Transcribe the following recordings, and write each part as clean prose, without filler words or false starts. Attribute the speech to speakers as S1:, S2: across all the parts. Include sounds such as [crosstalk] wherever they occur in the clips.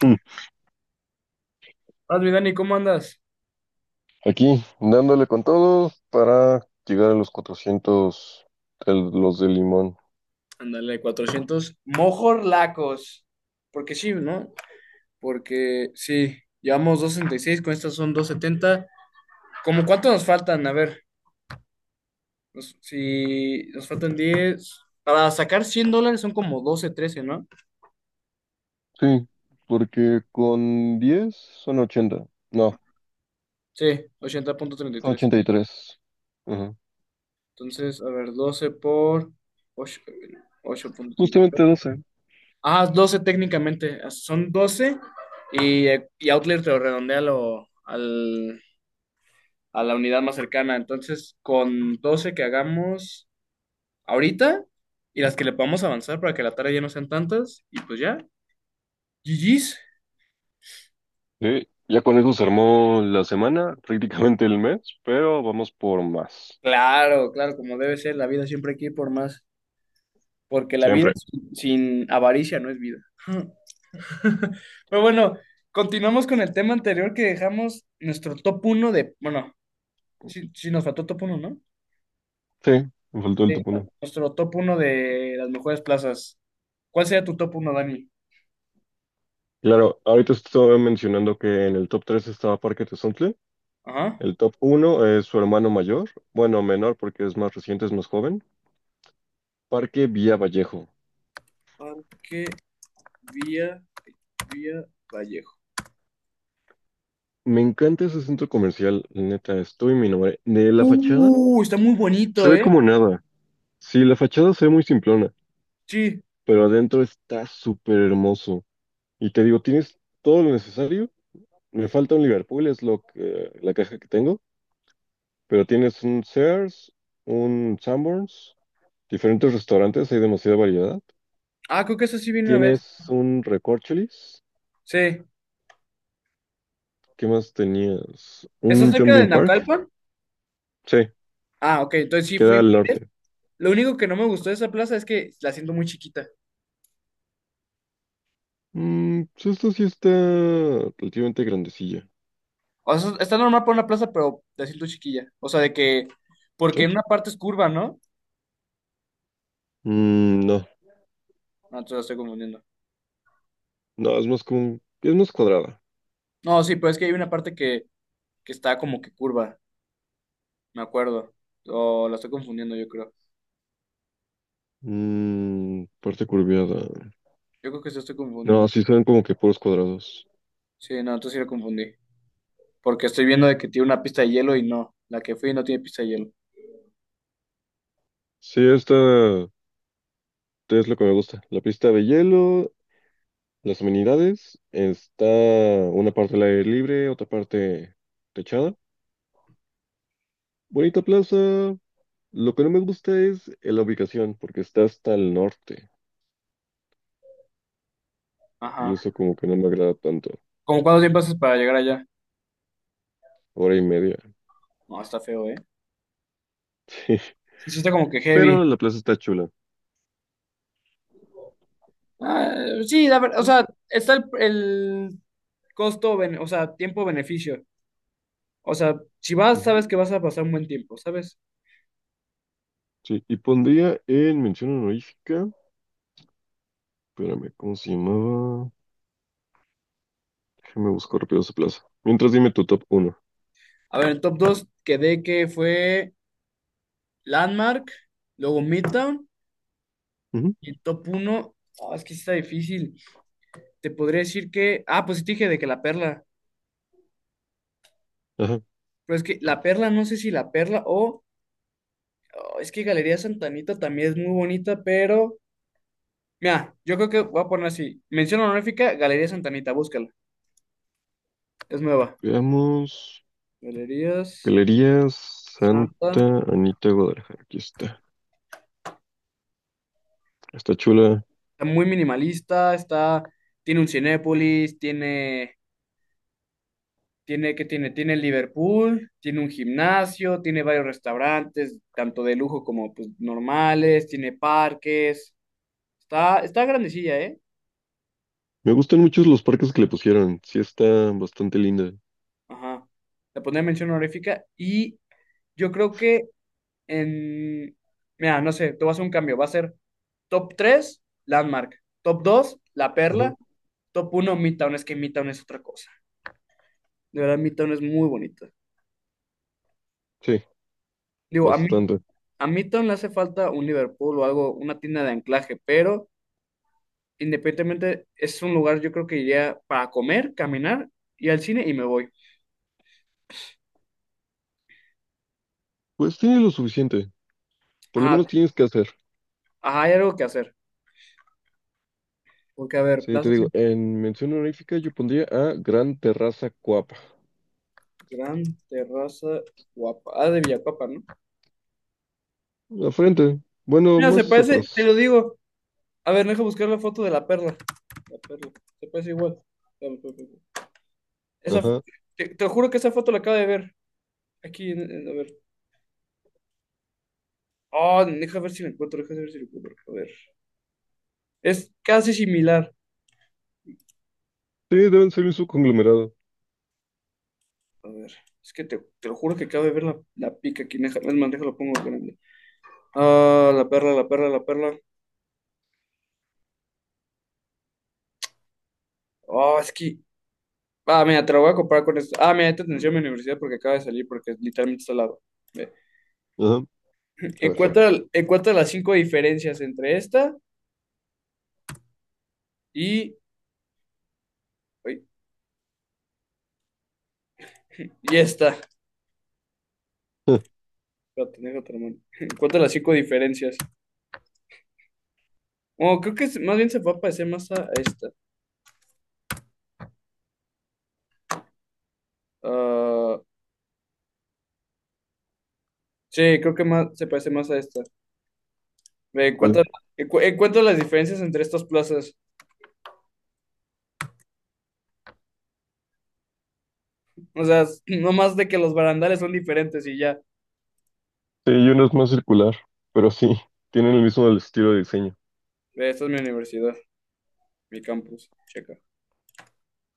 S1: Mm.
S2: Hola, mi Dani, ¿cómo andas?
S1: Aquí, dándole con todo para llegar a los 400 los de limón.
S2: Ándale, 400 mojorlacos. Porque sí, ¿no? Porque sí, llevamos 266, con estas son 270. ¿Cómo cuánto nos faltan? A ver, si nos faltan 10 para sacar $100 son como doce, trece, ¿no?
S1: Sí, porque con 10 son 80. No,
S2: Sí, ochenta punto treinta y
S1: son
S2: tres.
S1: 83. Ajá.
S2: Entonces, a ver, 12 por ocho. 8.33.
S1: Justamente 12.
S2: Ah, 12 técnicamente. Son doce, y, y Outlier te lo redondea a la unidad más cercana. Entonces, con 12 que hagamos ahorita y las que le podamos avanzar para que la tarea ya no sean tantas, y pues ya, GG's.
S1: Sí, ya con eso se armó la semana, prácticamente el mes, pero vamos por más.
S2: Claro, claro, como debe ser, la vida siempre hay que ir por más, porque la vida
S1: Siempre.
S2: sin avaricia no es vida. [laughs] Pero bueno, continuamos con el tema anterior que dejamos nuestro top uno de, bueno, sí, sí nos faltó top uno, ¿no?
S1: Sí, me faltó el
S2: Sí,
S1: top uno.
S2: nuestro top uno de las mejores plazas. ¿Cuál sería tu top uno, Dani?
S1: Claro, ahorita estaba mencionando que en el top 3 estaba Parque Tezontle.
S2: Ajá.
S1: El top uno es su hermano mayor, bueno, menor porque es más reciente, es más joven. Parque Villa Vallejo.
S2: Parque Vía, Vía Vallejo.
S1: Me encanta ese centro comercial, la neta, estoy mi nombre. De la fachada,
S2: Está muy
S1: se
S2: bonito,
S1: ve
S2: ¿eh?
S1: como nada. Sí, la fachada se ve muy simplona,
S2: Sí.
S1: pero adentro está súper hermoso. Y te digo, tienes todo lo necesario. Me falta un Liverpool, es lo que, la caja que tengo, pero tienes un Sears, un Sanborns, diferentes restaurantes, hay demasiada variedad.
S2: Ah, creo que eso sí vino una vez.
S1: Tienes un Recorcholis,
S2: Sí.
S1: ¿qué más tenías?
S2: ¿Está
S1: Un
S2: cerca de
S1: Jumping Park,
S2: Naucalpan?
S1: sí,
S2: Ah, ok, entonces sí fui
S1: queda
S2: una
S1: al
S2: vez.
S1: norte.
S2: Lo único que no me gustó de esa plaza es que la siento muy chiquita.
S1: Pues esta sí está relativamente grandecilla.
S2: O sea, está normal para una plaza, pero la siento chiquilla. O sea, porque
S1: ¿Sí?
S2: en una parte es curva, ¿no?
S1: No,
S2: No, te la estoy confundiendo.
S1: no, es más cuadrada.
S2: No, sí, pero es que hay una parte que está como que curva, me acuerdo. O la estoy confundiendo, yo creo.
S1: Parte curviada.
S2: Yo creo que se estoy confundiendo.
S1: No, sí son como que puros cuadrados.
S2: Sí, no, entonces sí la confundí. Porque estoy viendo de que tiene una pista de hielo y no. La que fui no tiene pista de hielo.
S1: Sí, esta es lo que me gusta. La pista de hielo, las amenidades, está una parte al aire libre, otra parte techada. Bonita plaza. Lo que no me gusta es la ubicación, porque está hasta el norte. Y
S2: Ajá.
S1: eso como que no me agrada tanto.
S2: ¿Cómo cuánto tiempo haces para llegar allá?
S1: Hora y media.
S2: No, está feo, ¿eh?
S1: [laughs]
S2: Sí, está como que
S1: Pero
S2: heavy.
S1: la plaza está chula.
S2: Ah, sí, la ver, o
S1: Sí,
S2: sea, está el costo, o sea, tiempo-beneficio. O sea, si vas,
S1: ujú,
S2: sabes que vas a pasar un buen tiempo, ¿sabes?
S1: sí. Y pondría en mención honorífica. Espérame, ¿cómo se llamaba? Déjame buscar rápido esa plaza. Mientras dime tu top 1.
S2: A ver, en top 2 quedé que fue Landmark, luego Midtown, y en top uno, ah, es que sí está difícil. Te podría decir que, ah, pues sí te dije de que la perla,
S1: Ajá.
S2: pero es que la perla, no sé si la perla o. Oh, es que Galería Santanita también es muy bonita, pero. Mira, yo creo que voy a poner así. Mención honorífica, Galería Santanita, búscala. Es nueva.
S1: Veamos.
S2: Galerías
S1: Galerías
S2: Santa.
S1: Santa Anita Guadalajara. Aquí está. Está chula.
S2: Está muy minimalista, está. Tiene un Cinépolis, tiene. Tiene qué tiene, tiene Liverpool, tiene un gimnasio, tiene varios restaurantes, tanto de lujo como pues normales, tiene parques. Está grandecilla, ¿eh?
S1: Me gustan mucho los parques que le pusieron. Sí, está bastante linda.
S2: Ajá. Le pondré mención honorífica y yo creo que en, mira, no sé, te voy a hacer un cambio. Va a ser top 3 Landmark. Top 2 La
S1: Ajá.
S2: Perla. Top uno Midtown. Es que Midtown es otra cosa. De verdad, Midtown es muy bonito.
S1: Sí,
S2: Digo,
S1: bastante.
S2: a Midtown le hace falta un Liverpool o algo, una tienda de anclaje, pero independientemente es un lugar yo creo que iría para comer, caminar, ir al cine y me voy.
S1: Pues tiene lo suficiente. Por lo
S2: Ajá,
S1: menos tienes que hacer.
S2: ajá, hay algo que hacer. Porque, a ver,
S1: Sí, te
S2: Plaza
S1: digo, en mención honorífica yo pondría a Gran Terraza Coap.
S2: Gran Terraza Guapa. Ah, de Villapapa, ¿no?
S1: La frente. Bueno,
S2: Mira, se
S1: más
S2: parece, te
S1: atrás.
S2: lo digo. A ver, deja buscar la foto de la perla. La perla. Se parece igual. Espérame, espérame, espérame. Esa, fo-
S1: Ajá.
S2: te juro que esa foto la acabo de ver. Aquí, a ver. Oh, deja ver si la encuentro, deja ver si la encuentro. A ver. Es casi similar.
S1: Sí, deben ser un subconglomerado.
S2: A ver. Es que te lo juro que acabo de ver la pica aquí. Deja, es más, déjalo pongo grande. Ah, la perla, la perla, la perla. Oh, es que. Ah, mira, te la voy a comparar con esto. Ah, mira, esta atención en mi universidad porque acaba de salir, porque literalmente está al lado. Ve.
S1: Ajá. A ver.
S2: Encuentra las cinco diferencias entre esta y. Ay, ya está.
S1: [laughs]
S2: Espérate, déjate, hermano. [laughs] Cuántas las cinco diferencias. Oh, creo que más bien se va a parecer más a esta. Ah, sí, creo que más se parece más a esta. Ve,
S1: ¿Cuál?
S2: encuentra las diferencias entre estas plazas. O sea, [clears throat] no más de que los barandales son diferentes y ya.
S1: Sí, y uno es más circular, pero sí, tienen el mismo estilo de diseño.
S2: Ve, esta es mi universidad, mi campus. Checa.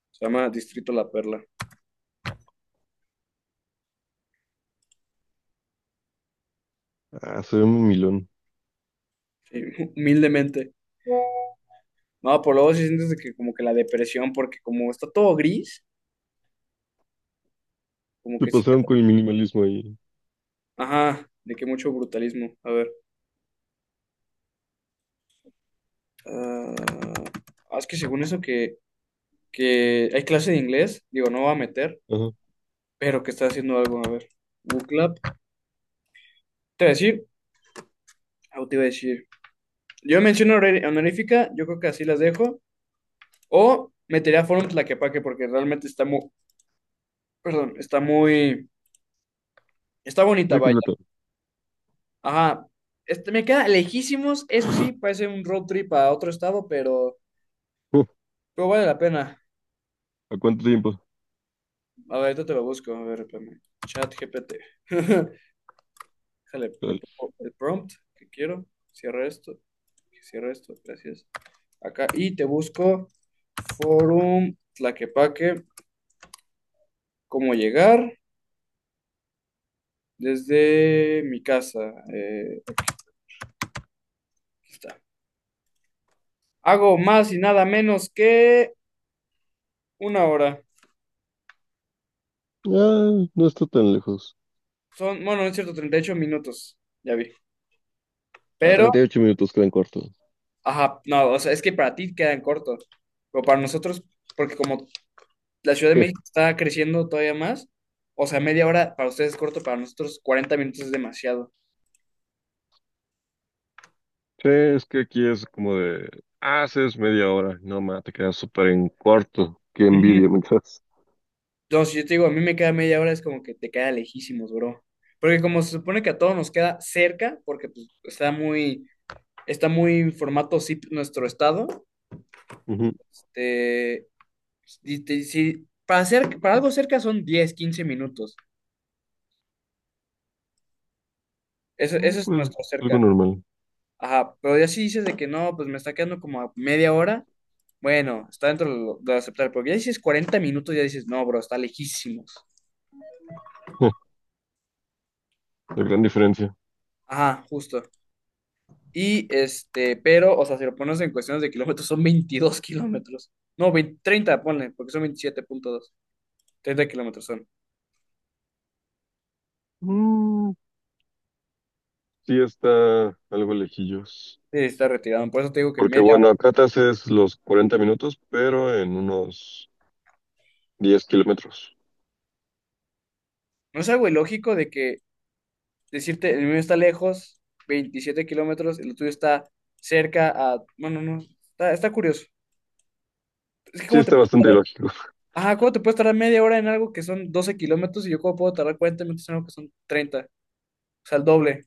S2: Se llama Distrito La Perla.
S1: Ah, se ve muy milón.
S2: Sí, [laughs] humildemente. No, por luego sí sientes de que como que la depresión, porque como está todo gris, como
S1: Se
S2: que sí te...
S1: pasaron con el minimalismo ahí.
S2: Ajá, de que mucho brutalismo. A ver. Ah, es que según eso que hay clase de inglés, digo, no va a meter,
S1: Ajá.
S2: pero que está haciendo algo, a ver. Book Club. Te voy a decir, ah, te iba a decir. Yo menciono honorífica, yo creo que así las dejo. O metería Forum Tlaquepaque porque realmente está muy, perdón, está muy, está bonita,
S1: Muy
S2: vaya.
S1: completo.
S2: Ajá. Este, me queda lejísimos, eso sí, parece un road trip a otro estado, pero,
S1: Uh,
S2: pero vale la pena.
S1: ¿a cuánto tiempo?
S2: A ver, ahorita te lo busco, a ver, espérame. Chat GPT. [laughs] Déjale, le
S1: Tal.
S2: pongo el prompt que quiero. Cierra esto. Cierra esto. Gracias. Acá. Y te busco Forum Tlaquepaque. Cómo llegar desde mi casa. Aquí está. Hago más y nada menos que una hora.
S1: Ah, no está tan lejos.
S2: Son, bueno, no es cierto, 38 minutos. Ya vi.
S1: A
S2: Pero,
S1: 38 minutos quedan cortos.
S2: ajá, no, o sea, es que para ti quedan cortos. Pero para nosotros, porque como la Ciudad de México
S1: [laughs]
S2: está creciendo todavía más. O sea, media hora para ustedes es corto, para nosotros 40 minutos es demasiado.
S1: Sí, es que aquí es como de, haces media hora, no ma, te quedas súper en corto. Qué
S2: Ujú.
S1: envidia, me quedas.
S2: Entonces, yo te digo, a mí me queda media hora, es como que te queda lejísimos, bro. Porque como se supone que a todos nos queda cerca, porque pues, está muy en formato zip nuestro estado, este, para algo cerca son 10 15 minutos. Eso,
S1: Ah,
S2: eso es
S1: pues,
S2: nuestro
S1: algo
S2: cerca.
S1: normal.
S2: Ajá, pero ya si dices de que no, pues me está quedando como a media hora. Bueno, está dentro de lo aceptable, porque ya dices 40 minutos, ya dices, no, bro, está lejísimos.
S1: [laughs] La gran diferencia.
S2: Ajá, justo. Y este, pero, o sea, si lo pones en cuestiones de kilómetros, son 22 kilómetros. No, 20 30 ponle, porque son 27.2 30 kilómetros son.
S1: Mm, sí está algo lejillos.
S2: Sí, está retirado. Por eso te digo que
S1: Porque
S2: media
S1: bueno,
S2: hora.
S1: acá te haces los 40 minutos, pero en unos 10 kilómetros.
S2: ¿No es algo ilógico de que decirte, el mío está lejos, 27 kilómetros, el tuyo está cerca a... Bueno, no, está curioso. Es que,
S1: Sí
S2: ¿cómo te...
S1: está bastante ilógico.
S2: Ajá, ¿cómo te puedes tardar media hora en algo que son 12 kilómetros y yo cómo puedo tardar 40 minutos en algo que son 30? O sea, el doble.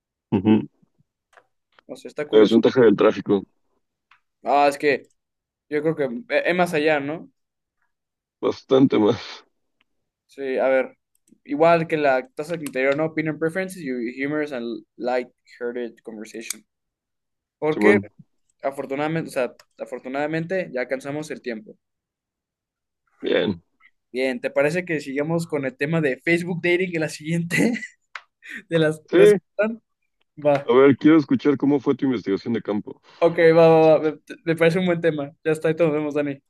S1: [laughs] Ujú.
S2: No sé, está
S1: La
S2: curioso.
S1: desventaja del tráfico.
S2: Ah, es que yo creo que es más allá, ¿no?
S1: Bastante más.
S2: Sí, a ver. Igual que la tasa del interior, ¿no? Opinion preferences, your humorous and light-hearted conversation. Porque
S1: Simón.
S2: afortunadamente, o sea, afortunadamente ya alcanzamos el tiempo.
S1: Bien.
S2: Bien, ¿te parece que sigamos con el tema de Facebook dating en la siguiente [laughs] de las
S1: Sí.
S2: redes que faltan? Va.
S1: A ver, quiero escuchar cómo fue tu investigación de campo.
S2: Ok, va, va, va. Me parece un buen tema. Ya está, y todos nos vemos, Dani.